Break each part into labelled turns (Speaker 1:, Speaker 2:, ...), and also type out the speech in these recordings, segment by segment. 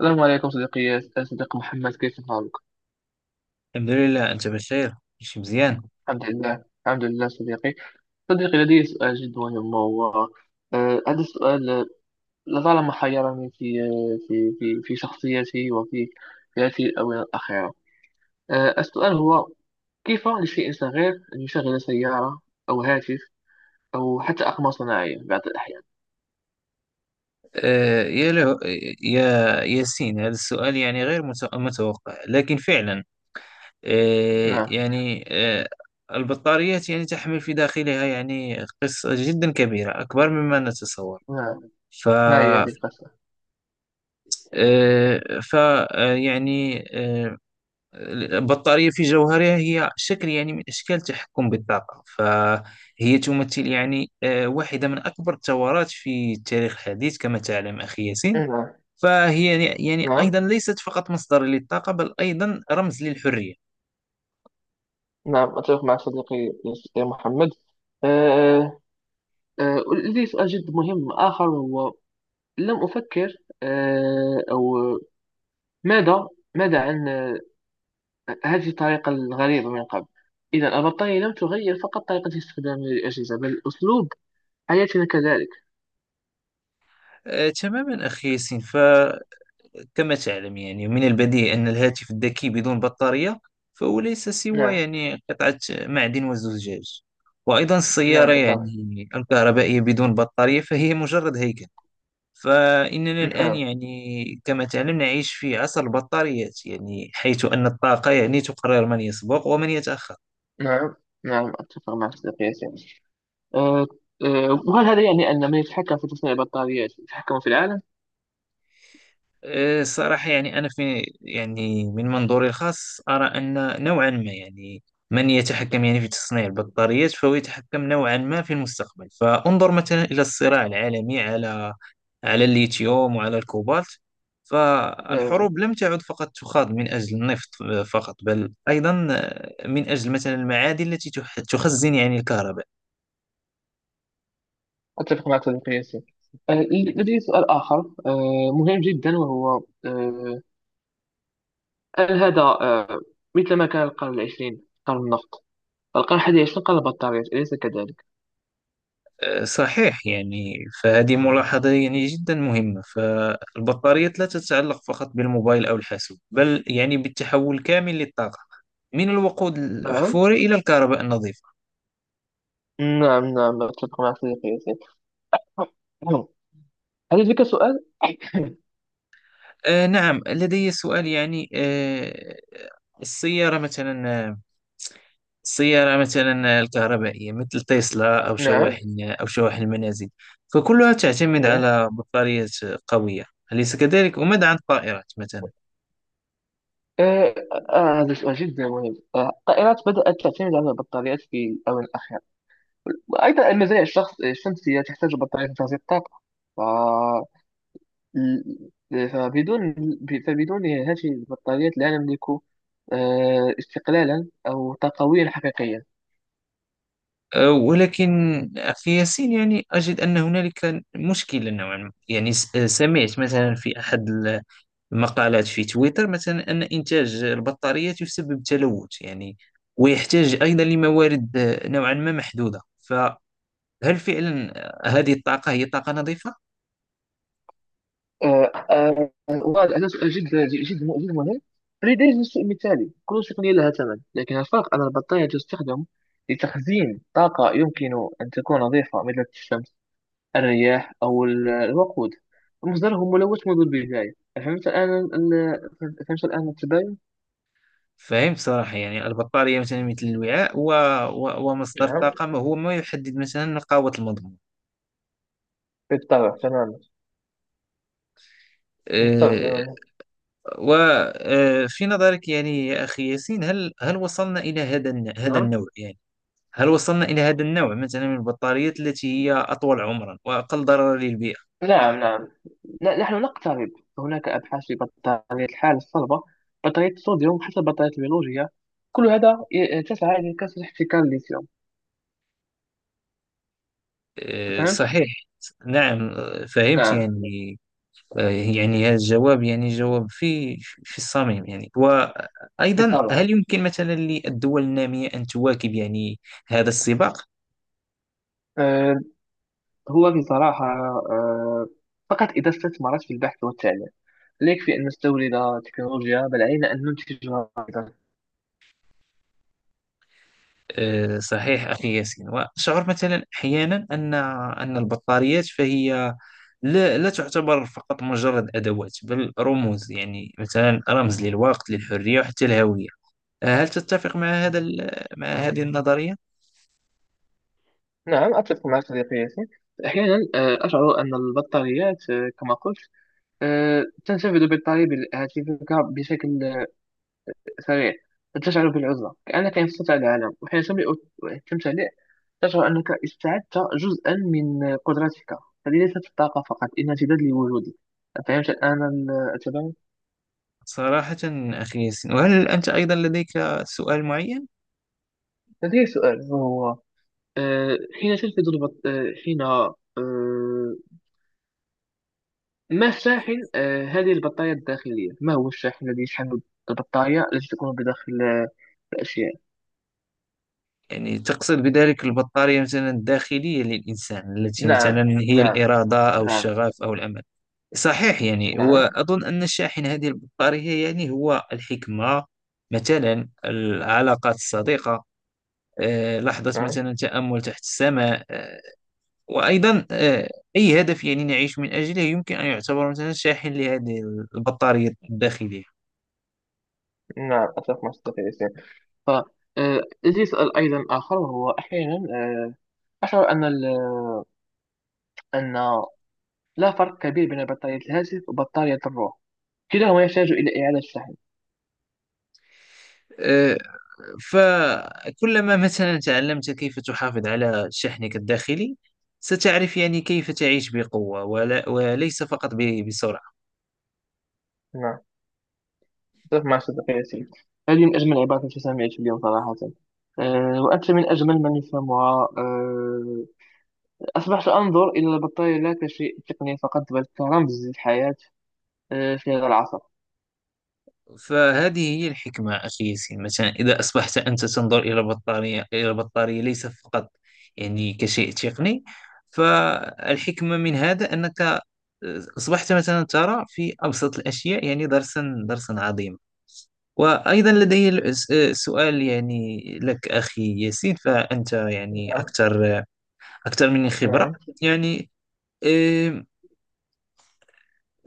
Speaker 1: السلام عليكم صديقي، يا صديق محمد، كيف حالك؟
Speaker 2: الحمد لله، أنت بخير؟ ماشي مزيان.
Speaker 1: الحمد لله الحمد لله صديقي. لدي سؤال جد مهم هو، هذا السؤال لطالما حيرني في، في شخصيتي وفي في هذه الآونة الأخيرة. السؤال هو، كيف لشيء صغير أن يشغل سيارة أو هاتف أو حتى أقمار صناعية بعض الأحيان؟
Speaker 2: يا له، يا ياسين، هذا السؤال يعني غير متوقع، لكن فعلا آه،
Speaker 1: نعم،
Speaker 2: يعني آه، البطاريات يعني تحمل في داخلها يعني قصة جدا كبيرة، أكبر مما نتصور.
Speaker 1: نعم.
Speaker 2: ف
Speaker 1: ما هي
Speaker 2: آه،
Speaker 1: هذه القصة؟
Speaker 2: ف آه، يعني آه، البطارية في جوهرها هي شكل يعني من أشكال التحكم بالطاقة، فهي تمثل يعني واحدة من أكبر الثورات في التاريخ الحديث، كما تعلم أخي ياسين.
Speaker 1: نعم.
Speaker 2: فهي يعني أيضا
Speaker 1: نعم.
Speaker 2: ليست فقط مصدر للطاقة، بل أيضا رمز للحرية.
Speaker 1: نعم أتفق معك صديقي، يا محمد. لدي سؤال جد مهم آخر وهو، لم أفكر، أو ماذا، ماذا عن هذه الطريقة الغريبة من قبل؟ إذا البطارية لم تغير فقط طريقة استخدامنا للأجهزة بل أسلوب حياتنا كذلك.
Speaker 2: تماما أخي ياسين، فكما تعلم يعني من البديهي أن الهاتف الذكي بدون بطارية فهو ليس سوى
Speaker 1: نعم.
Speaker 2: يعني قطعة معدن وزجاج. وأيضا
Speaker 1: نعم
Speaker 2: السيارة
Speaker 1: بالطبع.
Speaker 2: يعني الكهربائية بدون بطارية فهي مجرد هيكل. فإننا الآن
Speaker 1: نعم.
Speaker 2: يعني كما تعلم نعيش في عصر البطاريات، يعني حيث أن الطاقة يعني تقرر من يسبق ومن يتأخر.
Speaker 1: نعم. نعم أتفق مع صديقي ياسين. آه، وهل هذا يعني أن من يتحكم في تصنيع البطاريات يتحكم في العالم؟
Speaker 2: الصراحة يعني أنا في يعني من منظوري الخاص أرى أن نوعا ما يعني من يتحكم يعني في تصنيع البطاريات فهو يتحكم نوعا ما في المستقبل. فانظر مثلا إلى الصراع العالمي على على الليثيوم وعلى الكوبالت.
Speaker 1: نعم
Speaker 2: فالحروب لم تعد فقط تخاض من أجل النفط فقط، بل أيضا من أجل مثلا المعادن التي تخزن يعني الكهرباء.
Speaker 1: أتفق معك صديقي ياسين. لدي سؤال آخر مهم جدا وهو، هل هذا، مثل ما كان القرن العشرين قرن النفط، القرن الحادي عشر قرن البطاريات، أليس كذلك؟
Speaker 2: صحيح يعني، فهذه ملاحظة يعني جدا مهمة. فالبطاريات لا تتعلق فقط بالموبايل أو الحاسوب، بل يعني بالتحول كامل للطاقة من الوقود
Speaker 1: نعم.
Speaker 2: الأحفوري إلى الكهرباء النظيفة.
Speaker 1: نعم نعم أتفق مع صديقي ياسين. هل لديك سؤال؟
Speaker 2: نعم، لدي سؤال يعني السيارة مثلا، سيارة مثلا الكهربائية مثل تسلا، أو
Speaker 1: نعم.
Speaker 2: شواحن أو شواحن المنازل، فكلها تعتمد
Speaker 1: نعم.
Speaker 2: على بطارية قوية، أليس كذلك؟ وماذا عن الطائرات مثلا؟
Speaker 1: آه، هذا سؤال جدا مهم. الطائرات بدأت تعتمد على البطاريات في الآونة الأخيرة، وأيضا المزارع الشمسية تحتاج بطاريات لتغذية الطاقة. ل- فبدون فبدون هذه البطاريات لا نملك استقلالا أو طاقويا حقيقيا.
Speaker 2: ولكن أخي ياسين يعني أجد أن هنالك مشكلة نوعا ما يعني، س- أه، سمعت مثلا
Speaker 1: نعم.
Speaker 2: في أحد المقالات في تويتر مثلا أن إنتاج البطاريات يسبب تلوث يعني، ويحتاج أيضا لموارد نوعا ما محدودة. فهل فعلا هذه الطاقة هي طاقة نظيفة؟
Speaker 1: وهذا سؤال جد مهم لدرجة الشيء مثالي. كل تقنية لها ثمن، لكن الفرق أن البطارية تستخدم لتخزين طاقة يمكن أن تكون نظيفة مثل الشمس، الرياح، أو الوقود مصدره ملوث منذ البداية. فهمت الآن التباين؟
Speaker 2: فهمت صراحة يعني البطارية مثلا مثل الوعاء ومصدر
Speaker 1: نعم
Speaker 2: الطاقة ما هو ما يحدد مثلا قوة المضمون.
Speaker 1: بالطبع تماما. بالطبع
Speaker 2: أه.
Speaker 1: تماما.
Speaker 2: وفي نظرك يعني يا أخي ياسين، هل وصلنا إلى هذا
Speaker 1: نعم.
Speaker 2: النوع يعني، هل وصلنا إلى هذا النوع مثلا من البطاريات التي هي أطول عمرا وأقل ضررا للبيئة؟
Speaker 1: نعم. نعم نحن نقترب. هناك أبحاث في بطارية الحال الصلبة، بطارية الصوديوم، حتى البطارية البيولوجية. كل هذا تسعى إلى كسر احتكار الليثيوم.
Speaker 2: أه
Speaker 1: فهمت؟
Speaker 2: صحيح. نعم، فهمت
Speaker 1: نعم
Speaker 2: يعني، يعني هذا الجواب يعني جواب في في الصميم يعني. وأيضا،
Speaker 1: بالطبع.
Speaker 2: هل يمكن مثلا للدول النامية أن تواكب يعني هذا السباق؟
Speaker 1: أه هو بصراحة أه فقط إذا استثمرت في البحث والتعليم. لا يكفي أن نستورد تكنولوجيا بل علينا أن ننتجها أيضا.
Speaker 2: صحيح أخي ياسين، وأشعر مثلا أحيانا أن أن البطاريات فهي لا تعتبر فقط مجرد أدوات، بل رموز يعني، مثلا رمز للوقت، للحرية، وحتى الهوية. هل تتفق مع مع هذه النظرية؟
Speaker 1: نعم أتفق معك صديقي ياسين. أحيانا أشعر أن البطاريات، كما قلت، تنسفذ بطاري هاتفك بشكل سريع، تشعر بالعزلة كأنك انفصلت عن العالم. وحين التمتلئ تشعر أنك استعدت جزءا من قدرتك. هذه ليست الطاقة فقط، إنها امتداد لوجودك. فهمت الآن التباين؟
Speaker 2: صراحة أخي ياسين، وهل أنت أيضا لديك سؤال معين؟
Speaker 1: لدي سؤال وهو، آه، حين تلفظ البط... آه، حين آه، ما الشاحن آه، هذه البطارية الداخلية؟ ما هو الشاحن الذي يشحن البطارية التي تكون بداخل الأشياء؟
Speaker 2: يعني تقصد بذلك البطارية مثلا الداخلية للإنسان، التي
Speaker 1: نعم.
Speaker 2: مثلا هي
Speaker 1: نعم.
Speaker 2: الإرادة أو
Speaker 1: نعم.
Speaker 2: الشغف أو الأمل؟ صحيح يعني،
Speaker 1: نعم.
Speaker 2: وأظن أن شاحن هذه البطارية يعني هو الحكمة، مثلا العلاقات الصديقة، لحظة
Speaker 1: نعم.
Speaker 2: مثلا تأمل تحت السماء، آه، وأيضا آه، أي هدف يعني نعيش من أجله يمكن أن يعتبر مثلا شاحن لهذه البطارية الداخلية.
Speaker 1: نعم أتفق مع صديقي ياسين. ف آه، يجي يسأل أيضا آخر وهو، أحيانا أشعر أن أن لا فرق كبير بين بطارية الهاتف وبطارية الروح، كلاهما يحتاج إلى إعادة شحن.
Speaker 2: آه، فكلما مثلا تعلمت كيف تحافظ على شحنك الداخلي، ستعرف يعني كيف تعيش بقوة، وليس فقط بسرعة.
Speaker 1: نعم أتفق مع صديقي ياسين. هذه من أجمل العبارات التي سمعت اليوم صراحة. وأنت من أجمل من يفهمها. أصبحت أنظر إلى البطارية لا كشيء تقني فقط بل كرمز للحياة في هذا العصر.
Speaker 2: فهذه هي الحكمة أخي ياسين، مثلا إذا أصبحت أنت تنظر إلى بطارية إلى بطارية ليس فقط يعني كشيء تقني، فالحكمة من هذا أنك أصبحت مثلا ترى في أبسط الأشياء يعني درسا درسا عظيما. وأيضا لدي سؤال يعني لك أخي ياسين، فأنت يعني
Speaker 1: نعم.
Speaker 2: أكثر أكثر مني خبرة
Speaker 1: نعم.
Speaker 2: يعني. آم،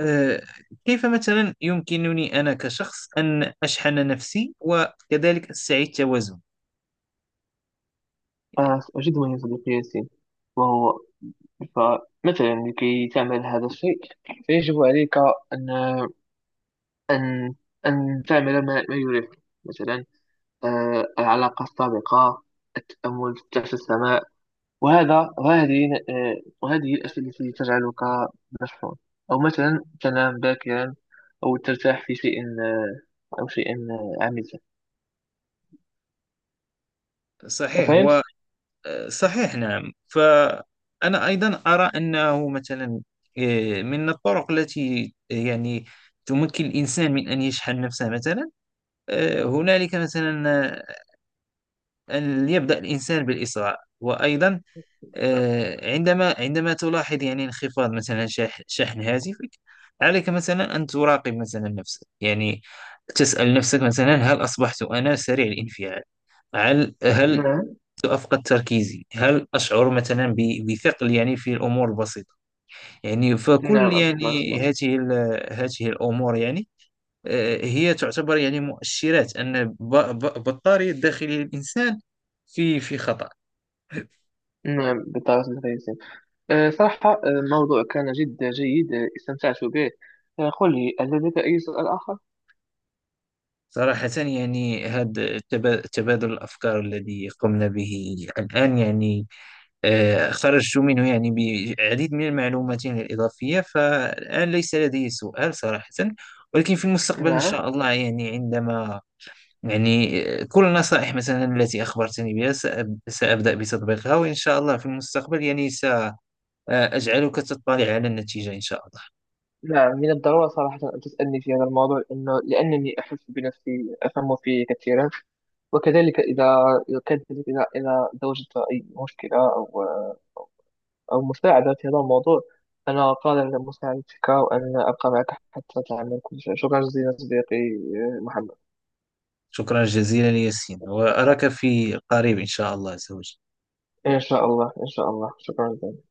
Speaker 2: آه، كيف مثلا يمكنني أنا كشخص أن أشحن نفسي وكذلك أستعيد توازن يعني؟
Speaker 1: أجد مهم صديقي ياسين، وهو، فمثلا لكي تعمل هذا الشيء فيجب عليك أن، أن أن تعمل ما يريحك. مثلا العلاقة السابقة، التأمل تحت السماء. وهذا وهذه آه، وهذه الأشياء التي تجعلك مشحون، أو مثلا تنام باكرا، أو ترتاح في شيء أو شيء عميق.
Speaker 2: صحيح. و
Speaker 1: فهمت؟
Speaker 2: صحيح، نعم، فأنا أيضا أرى أنه مثلا من الطرق التي يعني تمكن الإنسان من أن يشحن نفسه مثلا، هنالك مثلا أن يبدأ الإنسان بالإسراع. وأيضا عندما تلاحظ يعني انخفاض مثلا شحن هاتفك، عليك مثلا أن تراقب مثلا نفسك يعني، تسأل نفسك مثلا: هل أصبحت أنا سريع الانفعال؟ هل
Speaker 1: نعم.
Speaker 2: أفقد تركيزي؟ هل أشعر مثلا بثقل يعني في الأمور البسيطة؟ يعني، فكل
Speaker 1: نعم أشوف ما
Speaker 2: يعني
Speaker 1: أصدقائي.
Speaker 2: هذه الأمور يعني هي تعتبر يعني مؤشرات أن بطارية داخل الإنسان في في خطر.
Speaker 1: نعم بالطريقة الكويسة. صراحة الموضوع كان جدا جيد، استمتعت به. قل لي، هل لديك أي سؤال آخر؟
Speaker 2: صراحة يعني هذا تبادل الأفكار الذي قمنا به الآن يعني خرجت منه يعني بعديد من المعلومات يعني الإضافية، فالآن ليس لدي سؤال صراحة. ولكن في المستقبل إن
Speaker 1: نعم.
Speaker 2: شاء الله، يعني عندما يعني كل النصائح مثلا التي أخبرتني بها سأبدأ بتطبيقها، وإن شاء الله في المستقبل يعني سأجعلك تطلع على النتيجة إن شاء الله.
Speaker 1: نعم من الضرورة صراحة أن تسألني في هذا الموضوع، لأنني أحس بنفسي أفهم فيه كثيرا. وكذلك إذا، كذلك إذا، إذا وجدت أي مشكلة أو مساعدة في هذا الموضوع، أنا قادر على مساعدتك وأن أبقى معك حتى تعمل كل شيء. شكرا جزيلا صديقي محمد.
Speaker 2: شكرا جزيلا ياسين، وأراك في قريب إن شاء الله عز وجل.
Speaker 1: إن شاء الله، إن شاء الله، شكرا جزيلا.